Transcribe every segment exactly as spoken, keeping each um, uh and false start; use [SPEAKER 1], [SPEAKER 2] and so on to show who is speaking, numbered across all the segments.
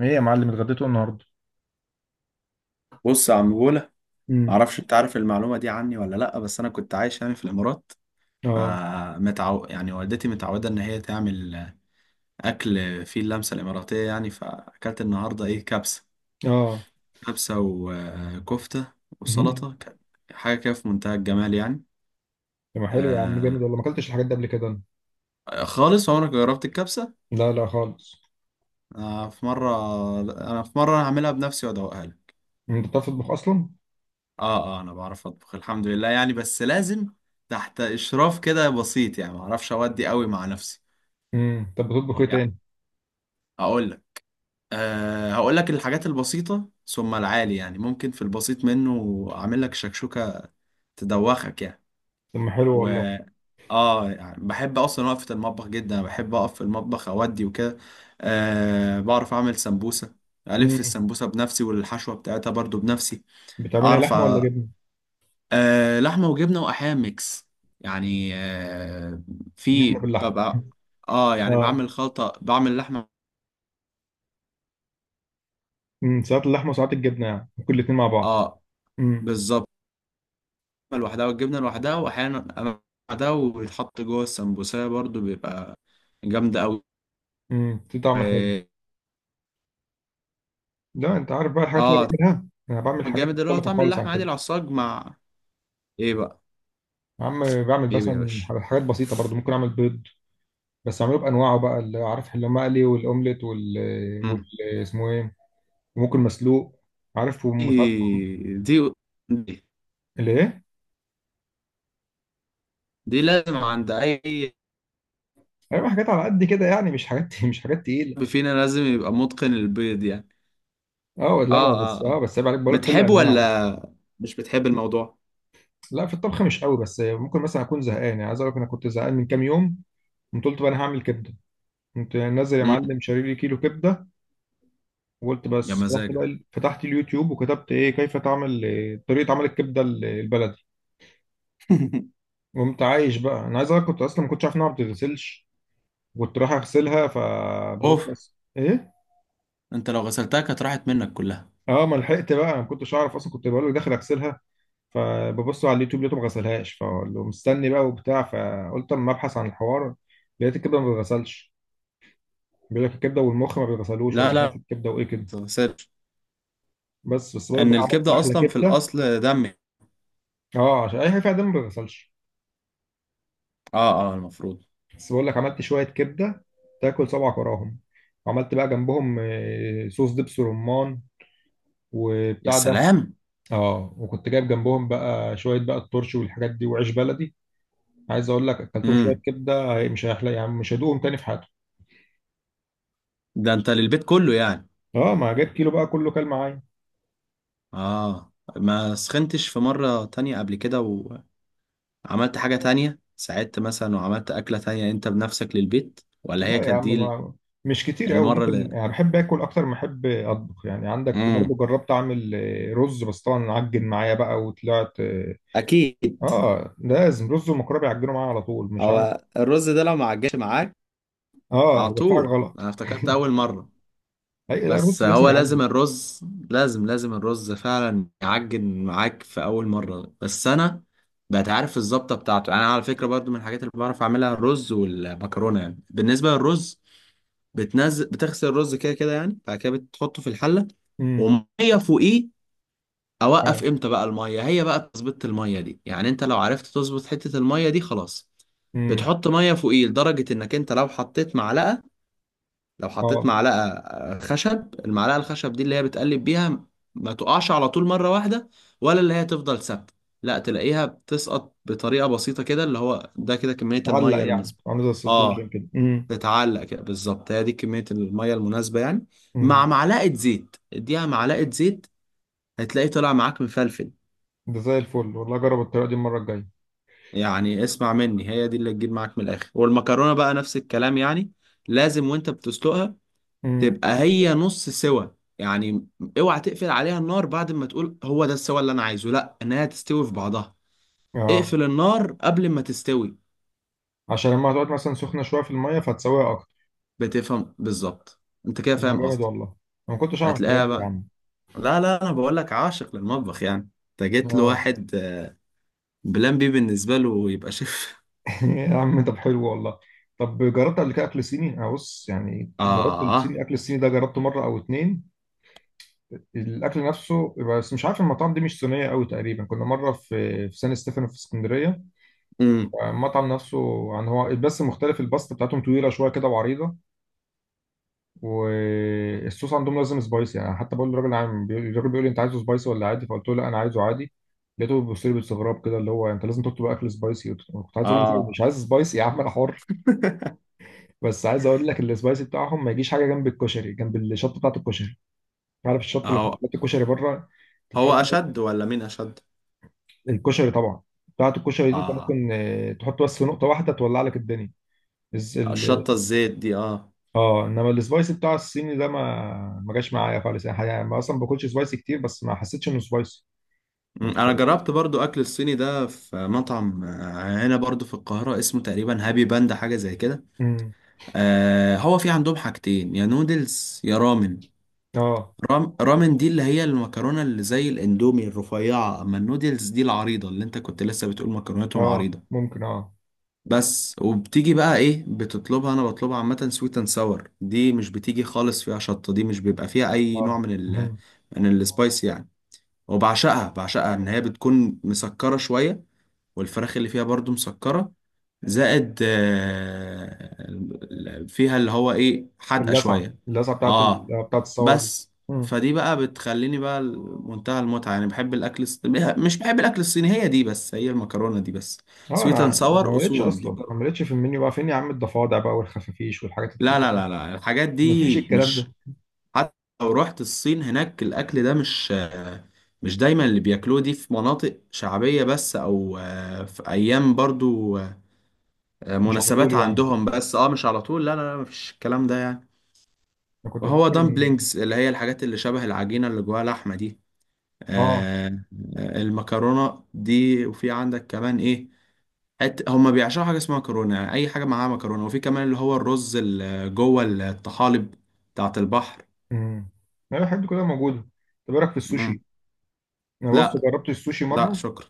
[SPEAKER 1] ايه يا معلم، اتغديتوا النهارده؟
[SPEAKER 2] بص يا عم بولا.
[SPEAKER 1] امم.
[SPEAKER 2] معرفش انت عارف المعلومه دي عني ولا لا، بس انا كنت عايش يعني في الامارات،
[SPEAKER 1] اه.
[SPEAKER 2] فمتعو يعني والدتي متعوده ان هي تعمل اكل فيه اللمسه الاماراتيه يعني. فاكلت النهارده ايه؟ كبسه،
[SPEAKER 1] اه.
[SPEAKER 2] كبسه وكفته
[SPEAKER 1] مهم.
[SPEAKER 2] وسلطه، كان حاجه كده في منتهى الجمال يعني.
[SPEAKER 1] طب، ما حلو يا عم،
[SPEAKER 2] آه،
[SPEAKER 1] جامد والله، ما اكلتش الحاجات دي قبل كده أنا.
[SPEAKER 2] خالص عمرك جربت الكبسه؟
[SPEAKER 1] لا، لا، خالص.
[SPEAKER 2] آه، في مره انا في مره هعملها بنفسي وادوقها لك.
[SPEAKER 1] انت بتعرف تطبخ اصلا؟
[SPEAKER 2] اه، اه، انا بعرف اطبخ الحمد لله يعني، بس لازم تحت اشراف كده بسيط يعني، معرفش اودي قوي مع نفسي.
[SPEAKER 1] امم طب، بتطبخ ايه تاني؟
[SPEAKER 2] هقول لك أه هقول لك الحاجات البسيطة ثم العالي، يعني ممكن في البسيط منه أعمل لك شكشوكة تدوخك يعني.
[SPEAKER 1] طب، ما حلو
[SPEAKER 2] و
[SPEAKER 1] والله.
[SPEAKER 2] اه يعني بحب أصلا وقفة المطبخ جدا، بحب أقف في المطبخ أودي وكده. أه، بعرف أعمل سمبوسة، ألف
[SPEAKER 1] امم.
[SPEAKER 2] السمبوسة بنفسي والحشوة بتاعتها برضو بنفسي.
[SPEAKER 1] بتعملها
[SPEAKER 2] أعرف
[SPEAKER 1] لحمه ولا
[SPEAKER 2] أ-
[SPEAKER 1] جبنه؟
[SPEAKER 2] أه، لحمة وجبنة وأحيانا ميكس يعني. أه، في
[SPEAKER 1] جبنه باللحمه؟
[SPEAKER 2] ببقى اه يعني
[SPEAKER 1] اه.
[SPEAKER 2] بعمل خلطة بعمل لحمة.
[SPEAKER 1] امم ساعات اللحمه وساعات الجبنه، يعني ممكن الاثنين مع بعض.
[SPEAKER 2] اه
[SPEAKER 1] امم.
[SPEAKER 2] بالظبط، لوحدها والجبنة لوحدها، وأحيانا أنا لوحدها ويتحط جوه السمبوسة برضو، بيبقى جامدة أوي.
[SPEAKER 1] امم في طعم حلو.
[SPEAKER 2] و-
[SPEAKER 1] لا، انت عارف بقى الحاجات اللي
[SPEAKER 2] اه طعم
[SPEAKER 1] أنا بعملها، انا بعمل حاجات
[SPEAKER 2] الجامد اللي هو
[SPEAKER 1] مختلفه
[SPEAKER 2] طعم
[SPEAKER 1] خالص عن
[SPEAKER 2] اللحمة عادي،
[SPEAKER 1] كده.
[SPEAKER 2] العصاج مع ايه بقى؟
[SPEAKER 1] يا عم، بعمل
[SPEAKER 2] ايه يا
[SPEAKER 1] مثلا
[SPEAKER 2] باشا؟
[SPEAKER 1] حاجات بسيطه برضو، ممكن اعمل بيض. بس عملوه بانواعه بقى، اللي عارف اللي مقلي والاومليت وال
[SPEAKER 2] مم.
[SPEAKER 1] وال اسمه ايه؟ وممكن مسلوق. عارف
[SPEAKER 2] دي
[SPEAKER 1] ومساعد.
[SPEAKER 2] دي دي,
[SPEAKER 1] اللي ايه؟
[SPEAKER 2] دي لازم عند أي
[SPEAKER 1] ايوه، حاجات على قد كده يعني، مش حاجات مش حاجات تقيله.
[SPEAKER 2] حد فينا لازم يبقى متقن البيض يعني.
[SPEAKER 1] اه، لا، ما
[SPEAKER 2] اه
[SPEAKER 1] بس
[SPEAKER 2] اه اه،
[SPEAKER 1] اه بس عيب عليك، بقول لك كل
[SPEAKER 2] بتحب
[SPEAKER 1] انواعه.
[SPEAKER 2] ولا مش بتحب الموضوع؟
[SPEAKER 1] لا، في الطبخ مش قوي، بس ممكن مثلا اكون زهقان، يعني عايز اقول لك انا كنت زهقان من كام يوم. قمت قلت بقى انا هعمل كبده. كنت نازل يا
[SPEAKER 2] مم.
[SPEAKER 1] معلم، شاري لي كيلو كبده. وقلت
[SPEAKER 2] يا
[SPEAKER 1] بس، رحت
[SPEAKER 2] مزاجك.
[SPEAKER 1] بقى فتحت اليوتيوب وكتبت ايه كيف تعمل إيه، طريقه عمل الكبده ال- البلدي. وقمت عايش بقى، انا عايز اقول لك كنت اصلا ما كنتش عارف انها ما بتتغسلش. كنت رايح اغسلها، فببص
[SPEAKER 2] اوف،
[SPEAKER 1] بس ايه.
[SPEAKER 2] انت لو غسلتها كانت راحت منك كلها.
[SPEAKER 1] اه، ما لحقت بقى، ما كنتش اعرف اصلا، كنت بقول له داخل اغسلها. فببص على اليوتيوب، لقيته ما غسلهاش، فبقول له مستني بقى وبتاع، فقلت اما ابحث عن الحوار. لقيت الكبده ما بتتغسلش. بيقول لك الكبده والمخ ما بيتغسلوش، ولا
[SPEAKER 2] لا
[SPEAKER 1] مش عارف
[SPEAKER 2] لا،
[SPEAKER 1] الكبده وايه كده.
[SPEAKER 2] غسلت
[SPEAKER 1] بس بس بقول لك
[SPEAKER 2] ان
[SPEAKER 1] بقى عملت
[SPEAKER 2] الكبده
[SPEAKER 1] احلى
[SPEAKER 2] اصلا في
[SPEAKER 1] كبده.
[SPEAKER 2] الاصل دم.
[SPEAKER 1] اه، عشان اي حاجه فيها دم ما بيتغسلش.
[SPEAKER 2] اه اه، المفروض.
[SPEAKER 1] بس بقول لك عملت شويه كبده. تاكل صبعك وراهم. وعملت بقى جنبهم آه، صوص دبس رمان.
[SPEAKER 2] يا
[SPEAKER 1] وبتاع ده.
[SPEAKER 2] سلام.
[SPEAKER 1] اه، وكنت جايب جنبهم بقى شويه بقى الترش والحاجات دي وعيش بلدي. عايز اقول لك اكلتهم شويه
[SPEAKER 2] امم،
[SPEAKER 1] كبده، هي- مش هيحلى يا عم، مش هيدوقهم تاني في حياتهم.
[SPEAKER 2] ده انت للبيت كله يعني؟
[SPEAKER 1] اه، ما جايب كيلو بقى كله، كل معايا.
[SPEAKER 2] اه، ما سخنتش في مره تانية قبل كده وعملت حاجه تانية، ساعدت مثلا وعملت اكله تانية انت بنفسك للبيت، ولا هي
[SPEAKER 1] لا يا
[SPEAKER 2] كانت
[SPEAKER 1] عم،
[SPEAKER 2] دي
[SPEAKER 1] ما مش كتير قوي
[SPEAKER 2] المره اللي...
[SPEAKER 1] ممكن، يعني بحب اكل اكتر ما احب اطبخ، يعني عندك
[SPEAKER 2] امم،
[SPEAKER 1] برضو جربت اعمل آه، رز، بس طبعا عجن معايا بقى وطلعت اه.
[SPEAKER 2] اكيد.
[SPEAKER 1] آه، لازم رز ومكرونه بيعجنوا معايا على طول، مش عارف.
[SPEAKER 2] هو الرز ده لو ما عجنش معاك
[SPEAKER 1] اه
[SPEAKER 2] على
[SPEAKER 1] هيبقى في حاجه
[SPEAKER 2] طول،
[SPEAKER 1] غلط
[SPEAKER 2] انا افتكرت اول مره،
[SPEAKER 1] اي لا،
[SPEAKER 2] بس
[SPEAKER 1] الرز لازم
[SPEAKER 2] هو لازم
[SPEAKER 1] يعجن.
[SPEAKER 2] الرز، لازم لازم الرز فعلا يعجن معاك في اول مره، بس انا بقيت عارف الظبطه بتاعته يعني. انا على فكره برضو من الحاجات اللي بعرف اعملها الرز والمكرونه. يعني بالنسبه للرز، بتنزل بتغسل الرز كده كده يعني، بعد كده بتحطه في الحله
[SPEAKER 1] امم.
[SPEAKER 2] وميه فوقيه. اوقف
[SPEAKER 1] اه.
[SPEAKER 2] امتى بقى الميه؟ هي بقى تظبيط الميه دي، يعني انت لو عرفت تظبط حته الميه دي خلاص.
[SPEAKER 1] امم.
[SPEAKER 2] بتحط ميه فوقيه لدرجه انك انت لو حطيت معلقه، لو حطيت
[SPEAKER 1] اه.
[SPEAKER 2] معلقة آه، خشب، المعلقة الخشب دي اللي هي بتقلب بيها، ما تقعش على طول مرة واحدة، ولا اللي هي تفضل ثابتة، لا تلاقيها بتسقط بطريقة بسيطة كده، اللي هو ده كده كمية
[SPEAKER 1] اتعلق
[SPEAKER 2] المية
[SPEAKER 1] يعني،
[SPEAKER 2] المظبوطة.
[SPEAKER 1] عامل زي السسبنشن
[SPEAKER 2] اه،
[SPEAKER 1] كده.
[SPEAKER 2] تتعلق كده بالظبط، هي دي كمية المية المناسبة يعني. مع
[SPEAKER 1] امم.
[SPEAKER 2] معلقة زيت، اديها معلقة زيت، هتلاقي طلع معاك مفلفل.
[SPEAKER 1] ده زي الفل والله، جرب الطريقه دي المره الجايه.
[SPEAKER 2] يعني اسمع مني، هي دي اللي تجيب معاك من الآخر. والمكرونة بقى نفس الكلام يعني، لازم وانت بتسلقها
[SPEAKER 1] امم.
[SPEAKER 2] تبقى هي نص سوا يعني. اوعى تقفل عليها النار بعد ما تقول هو ده السوا اللي انا عايزه، لا، انها تستوي في بعضها،
[SPEAKER 1] اه.
[SPEAKER 2] اقفل النار قبل ما تستوي.
[SPEAKER 1] عشان لما هتقعد مثلا سخنه شويه في الميه فهتسويها اكتر.
[SPEAKER 2] بتفهم بالظبط، انت كده
[SPEAKER 1] طب، ما
[SPEAKER 2] فاهم
[SPEAKER 1] جامد
[SPEAKER 2] قصدي.
[SPEAKER 1] والله. انا ما كنتش اعرف الحاجات
[SPEAKER 2] هتلاقيها
[SPEAKER 1] دي يا
[SPEAKER 2] بقى.
[SPEAKER 1] عم.
[SPEAKER 2] لا لا، انا بقول لك عاشق للمطبخ يعني. انت جيت
[SPEAKER 1] اه.
[SPEAKER 2] لواحد آه، بلان بي، بالنسبه له يبقى شيف.
[SPEAKER 1] يا عم، طب حلو والله. طب، جربت قبل كده اكل صيني؟ انا بص يعني جربت الصيني،
[SPEAKER 2] اه.
[SPEAKER 1] الاكل الصيني ده جربته مره او اتنين. الاكل نفسه، بس مش عارف المطاعم دي مش صينيه قوي، تقريبا كنا مره في في سان ستيفانو في اسكندريه.
[SPEAKER 2] امم.
[SPEAKER 1] آه، المطعم نفسه. يعني هو بس مختلف، الباستا بتاعتهم طويله شويه كده وعريضه. والصوص عندهم لازم سبايسي، يعني حتى بقول للراجل عام بيقول- الراجل بيقول لي انت عايزه سبايسي ولا عادي، فقلت له لا انا عايزه عادي. لقيته بيبص لي باستغراب كده، اللي هو انت لازم تطلب اكل سبايسي، قلت له- كنت عايز اقول له
[SPEAKER 2] اه.
[SPEAKER 1] مش عايز سبايسي يا عم انا حر. بس عايز اقول لك السبايسي بتاعهم ما يجيش حاجه جنب الكشري، جنب الشطه بتاعت الكشري. عارف الشطه اللي
[SPEAKER 2] هو
[SPEAKER 1] بتحط الكشري بره؟ انت
[SPEAKER 2] هو
[SPEAKER 1] بتحط منها.
[SPEAKER 2] اشد ولا مين اشد؟
[SPEAKER 1] الكشري طبعا. بتاعت الكشري دي انت
[SPEAKER 2] اه،
[SPEAKER 1] ممكن اه، تحط بس نقطه واحده تولع لك الدنيا.
[SPEAKER 2] الشطه الزيت دي، اه.
[SPEAKER 1] اه، انما السبايسي بتاع الصيني ده ما ما جاش معايا خالص يعني يعني ما اصلا باكلش سبايسي كتير، بس ما حسيتش انه سبايسي.
[SPEAKER 2] مم،
[SPEAKER 1] انت.
[SPEAKER 2] انا جربت برضو اكل الصيني ده في مطعم آه، هنا برضو في القاهرة، اسمه تقريبا هابي باندا، حاجة زي كده.
[SPEAKER 1] امم.
[SPEAKER 2] آه، هو في عندهم حاجتين، يا نودلز يا رامن.
[SPEAKER 1] اه.
[SPEAKER 2] رام رامن دي اللي هي المكرونة اللي زي الاندومي الرفيعة، اما النودلز دي العريضة اللي انت كنت لسه بتقول مكرونتهم
[SPEAKER 1] اه.
[SPEAKER 2] عريضة.
[SPEAKER 1] ممكن اه.
[SPEAKER 2] بس وبتيجي بقى ايه بتطلبها؟ انا بطلبها عامة سويت اند ساور، دي مش بتيجي خالص فيها شطة، دي مش بيبقى فيها اي نوع
[SPEAKER 1] اه،
[SPEAKER 2] من ال
[SPEAKER 1] مهم.
[SPEAKER 2] من السبايس يعني. وبعشقها، بعشقها ان هي بتكون مسكرة شوية، والفراخ اللي فيها برضو مسكرة، زائد آه، ال- فيها اللي هو ايه حادقة
[SPEAKER 1] اللسعه،
[SPEAKER 2] شوية.
[SPEAKER 1] اللسعه بتاعت ال...
[SPEAKER 2] اه
[SPEAKER 1] بتاعت الصور دي.
[SPEAKER 2] بس،
[SPEAKER 1] امم.
[SPEAKER 2] فدي بقى بتخليني بقى منتهى المتعة يعني. بحب الأكل الص... مش بحب الأكل الصيني، هي دي بس، هي المكرونة دي بس.
[SPEAKER 1] اه.
[SPEAKER 2] سويت اند
[SPEAKER 1] انا ما
[SPEAKER 2] ساور
[SPEAKER 1] مليتش
[SPEAKER 2] أصول دي
[SPEAKER 1] اصلا، ما
[SPEAKER 2] بر-
[SPEAKER 1] مليتش في المنيو بقى، فين يا عم الضفادع بقى والخفافيش والحاجات
[SPEAKER 2] لا لا
[SPEAKER 1] التقيله؟
[SPEAKER 2] لا لا، الحاجات
[SPEAKER 1] ما
[SPEAKER 2] دي
[SPEAKER 1] فيش الكلام ده.
[SPEAKER 2] مش. حتى لو رحت الصين هناك الأكل ده مش آه، مش دايما اللي بياكلوه دي، في مناطق شعبية بس، أو آه، في أيام برضو آه،
[SPEAKER 1] مش على طول
[SPEAKER 2] مناسبات
[SPEAKER 1] يعني.
[SPEAKER 2] عندهم بس، اه مش على طول، لا لا لا مفيش الكلام ده يعني.
[SPEAKER 1] انا كنت
[SPEAKER 2] وهو
[SPEAKER 1] بفكر ان...
[SPEAKER 2] دامبلينجز اللي هي الحاجات اللي شبه العجينة اللي جواها لحمة دي.
[SPEAKER 1] اه.
[SPEAKER 2] آه. آه، المكرونة دي. وفي عندك كمان ايه، حت هما بيعشقوا حاجة اسمها مكرونة، يعني أي حاجة معاها مكرونة، وفي كمان اللي هو الرز اللي جوه الطحالب بتاعت البحر.
[SPEAKER 1] امم. لا، الحاجات دي كلها موجوده. طب ايه رايك في
[SPEAKER 2] مم.
[SPEAKER 1] السوشي؟ انا بص
[SPEAKER 2] لا،
[SPEAKER 1] جربت السوشي
[SPEAKER 2] لا
[SPEAKER 1] مره.
[SPEAKER 2] شكرا.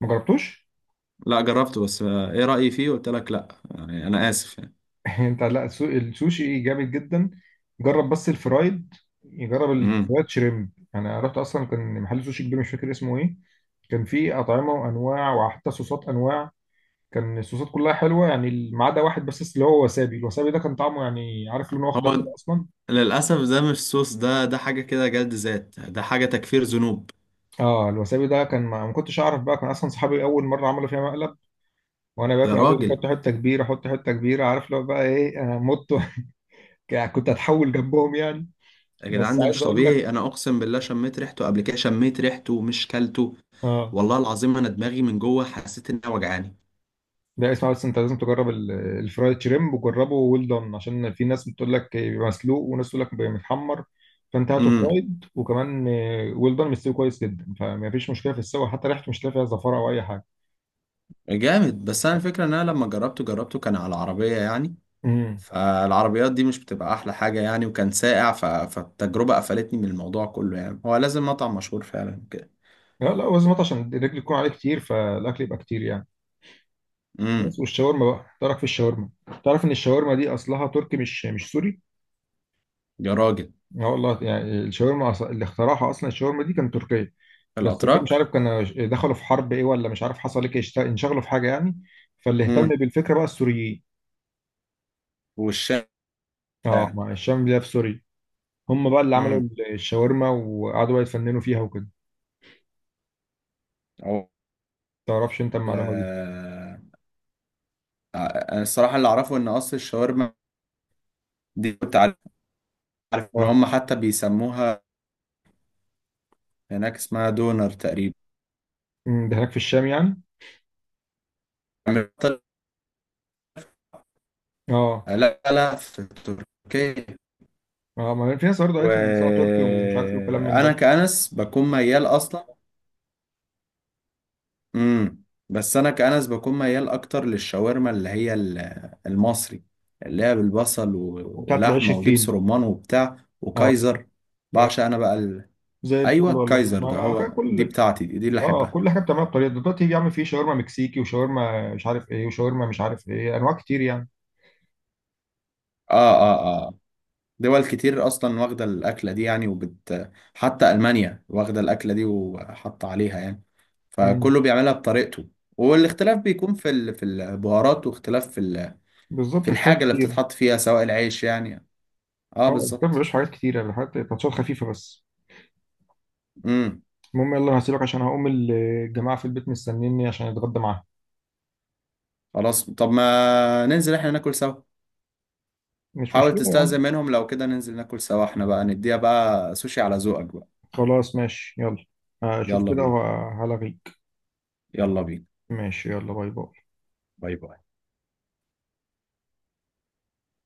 [SPEAKER 1] ما جربتوش؟
[SPEAKER 2] لا، جربته بس. آه، ايه رأيي فيه؟ قلت لك لا، يعني أنا آسف يعني.
[SPEAKER 1] انت، لا، السو- السوشي جامد جدا. جرب بس الفرايد. جرب
[SPEAKER 2] مم.
[SPEAKER 1] الفرايد شريمب يعني، انا رحت اصلا كان محل سوشي كبير، مش فاكر اسمه ايه. كان فيه اطعمه وانواع وحتى صوصات انواع. كان الصوصات كلها حلوه يعني، ما عدا واحد بس اللي هو وسابي، الوسابي ده كان طعمه يعني، عارف لونه اخضر كده
[SPEAKER 2] هو
[SPEAKER 1] اصلا.
[SPEAKER 2] للأسف ده مش صوص، ده ده حاجة كده جلد ذات، ده حاجة تكفير ذنوب.
[SPEAKER 1] اه، الوسابي ده كان، ما ما كنتش اعرف بقى، كان اصلا صحابي اول مره عملوا فيها مقلب. وانا
[SPEAKER 2] يا
[SPEAKER 1] باكل قعدوا يقولوا لي
[SPEAKER 2] راجل.
[SPEAKER 1] حط حته كبيره، حط حته كبيره، عارف لو بقى ايه، انا مت. كنت هتحول جنبهم يعني.
[SPEAKER 2] يا
[SPEAKER 1] بس
[SPEAKER 2] جدعان، ده
[SPEAKER 1] عايز
[SPEAKER 2] مش
[SPEAKER 1] اقول لك.
[SPEAKER 2] طبيعي، انا اقسم بالله شميت ريحته قبل كده، شميت ريحته مش كلته.
[SPEAKER 1] اه.
[SPEAKER 2] والله العظيم انا دماغي من جوه حسيت انها وجعاني.
[SPEAKER 1] لا، اسمع بس، انت لازم تجرب ال- الفرايد شريمب وجربه ويل دون، عشان في ناس بتقول لك بيبقى مسلوق وناس تقول لك بيبقى متحمر. فانت هاته
[SPEAKER 2] امم.
[SPEAKER 1] فرايد وكمان ويل دون، مستوي كويس جدا، فما فيش مشكله في السوا، حتى ريحته مش هتلاقي فيها زفاره او اي حاجه.
[SPEAKER 2] جامد. بس انا الفكره ان انا لما جربته، جربته كان على العربيه يعني،
[SPEAKER 1] امم.
[SPEAKER 2] فالعربيات دي مش بتبقى احلى حاجه يعني، وكان ساقع، ف... فالتجربه قفلتني من الموضوع كله، يعني هو لازم مطعم مشهور فعلا كده.
[SPEAKER 1] لا، لا، وزمات عشان الرجل يكون عليه كتير فالاكل يبقى كتير يعني.
[SPEAKER 2] امم.
[SPEAKER 1] بس، والشاورما بقى، تعرف في الشاورما؟ تعرف ان الشاورما دي اصلها تركي مش مش سوري؟
[SPEAKER 2] يا راجل.
[SPEAKER 1] اه والله، يعني الشاورما أص- اللي اخترعها اصلا، الشاورما دي كانت تركيه. بس كان مش
[SPEAKER 2] الاتراك.
[SPEAKER 1] عارف، كان دخلوا في حرب ايه ولا مش عارف حصل ايه، اشت- انشغلوا في حاجه يعني. فاللي اهتم
[SPEAKER 2] امم.
[SPEAKER 1] بالفكره بقى السوريين.
[SPEAKER 2] والشارع.
[SPEAKER 1] اه، مع الشام اللي هي في سوريا. هم بقى اللي عملوا
[SPEAKER 2] امم.
[SPEAKER 1] الشاورما، وقعدوا بقى يتفننوا فيها وكده.
[SPEAKER 2] أو-
[SPEAKER 1] تعرفش انت
[SPEAKER 2] ال-
[SPEAKER 1] المعلومه دي؟
[SPEAKER 2] انا الصراحه اللي اعرفه ان قصر الشاورما دي، كنت عارف ان هم
[SPEAKER 1] اه.
[SPEAKER 2] حتى بيسموها هناك اسمها دونر تقريبا.
[SPEAKER 1] أمم، ده هناك في الشام يعني. اه.
[SPEAKER 2] لا لا، في تركيا.
[SPEAKER 1] اه، ما في ناس برضه قالت لي إن ساعه تركي ومش عارف ايه وكلام من
[SPEAKER 2] وانا
[SPEAKER 1] ده.
[SPEAKER 2] كأنس بكون ميال اصلا. امم. بس انا كأنس بكون ميال اكتر للشاورما اللي هي ال- المصري، اللي هي بالبصل و-
[SPEAKER 1] وبتاعت العيش
[SPEAKER 2] ولحمه ودبس
[SPEAKER 1] الفيني.
[SPEAKER 2] رمان وبتاع
[SPEAKER 1] اه.
[SPEAKER 2] وكايزر.
[SPEAKER 1] ب-
[SPEAKER 2] بعشق انا بقى ال...
[SPEAKER 1] زي الفل
[SPEAKER 2] ايوه
[SPEAKER 1] والله،
[SPEAKER 2] الكايزر
[SPEAKER 1] ما
[SPEAKER 2] ده،
[SPEAKER 1] على فكره
[SPEAKER 2] هو
[SPEAKER 1] كل.
[SPEAKER 2] دي بتاعتي، دي, دي اللي
[SPEAKER 1] اه. آه،
[SPEAKER 2] احبها.
[SPEAKER 1] كل حاجه بتعملها بطريقه دلوقتي يا عم، في شاورما مكسيكي وشاورما مش عارف ايه وشاورما مش عارف ايه، انواع كتير.
[SPEAKER 2] اه اه. آه. دول كتير اصلا واخده الاكله دي يعني، وبت حتى المانيا واخده الاكله دي وحاطه عليها يعني،
[SPEAKER 1] يعني.
[SPEAKER 2] فكله بيعملها بطريقته، والاختلاف بيكون في ال... في البهارات، واختلاف في ال...
[SPEAKER 1] بالظبط،
[SPEAKER 2] في
[SPEAKER 1] مش حاجات
[SPEAKER 2] الحاجه اللي
[SPEAKER 1] كتير.
[SPEAKER 2] بتتحط فيها سواء العيش يعني. اه
[SPEAKER 1] اه، الكتاب
[SPEAKER 2] بالظبط.
[SPEAKER 1] مبيبقاش حاجات كتيرة، اللي حاجات تاتشات خفيفة بس.
[SPEAKER 2] امم.
[SPEAKER 1] المهم يلا، أنا هسيبك عشان هقوم، الجماعة في البيت مستنيني عشان اتغدى معاهم.
[SPEAKER 2] خلاص، طب ما ننزل احنا ناكل سوا.
[SPEAKER 1] مش
[SPEAKER 2] حاول
[SPEAKER 1] مشكلة يا عم.
[SPEAKER 2] تستأذن منهم لو كده ننزل ناكل سوا احنا، بقى نديها بقى سوشي على ذوقك بقى.
[SPEAKER 1] خلاص ماشي، يلا. هشوف
[SPEAKER 2] يلا
[SPEAKER 1] كده
[SPEAKER 2] بينا.
[SPEAKER 1] وهلغيك.
[SPEAKER 2] يلا بينا.
[SPEAKER 1] ماشي، يلا، باي باي.
[SPEAKER 2] باي باي.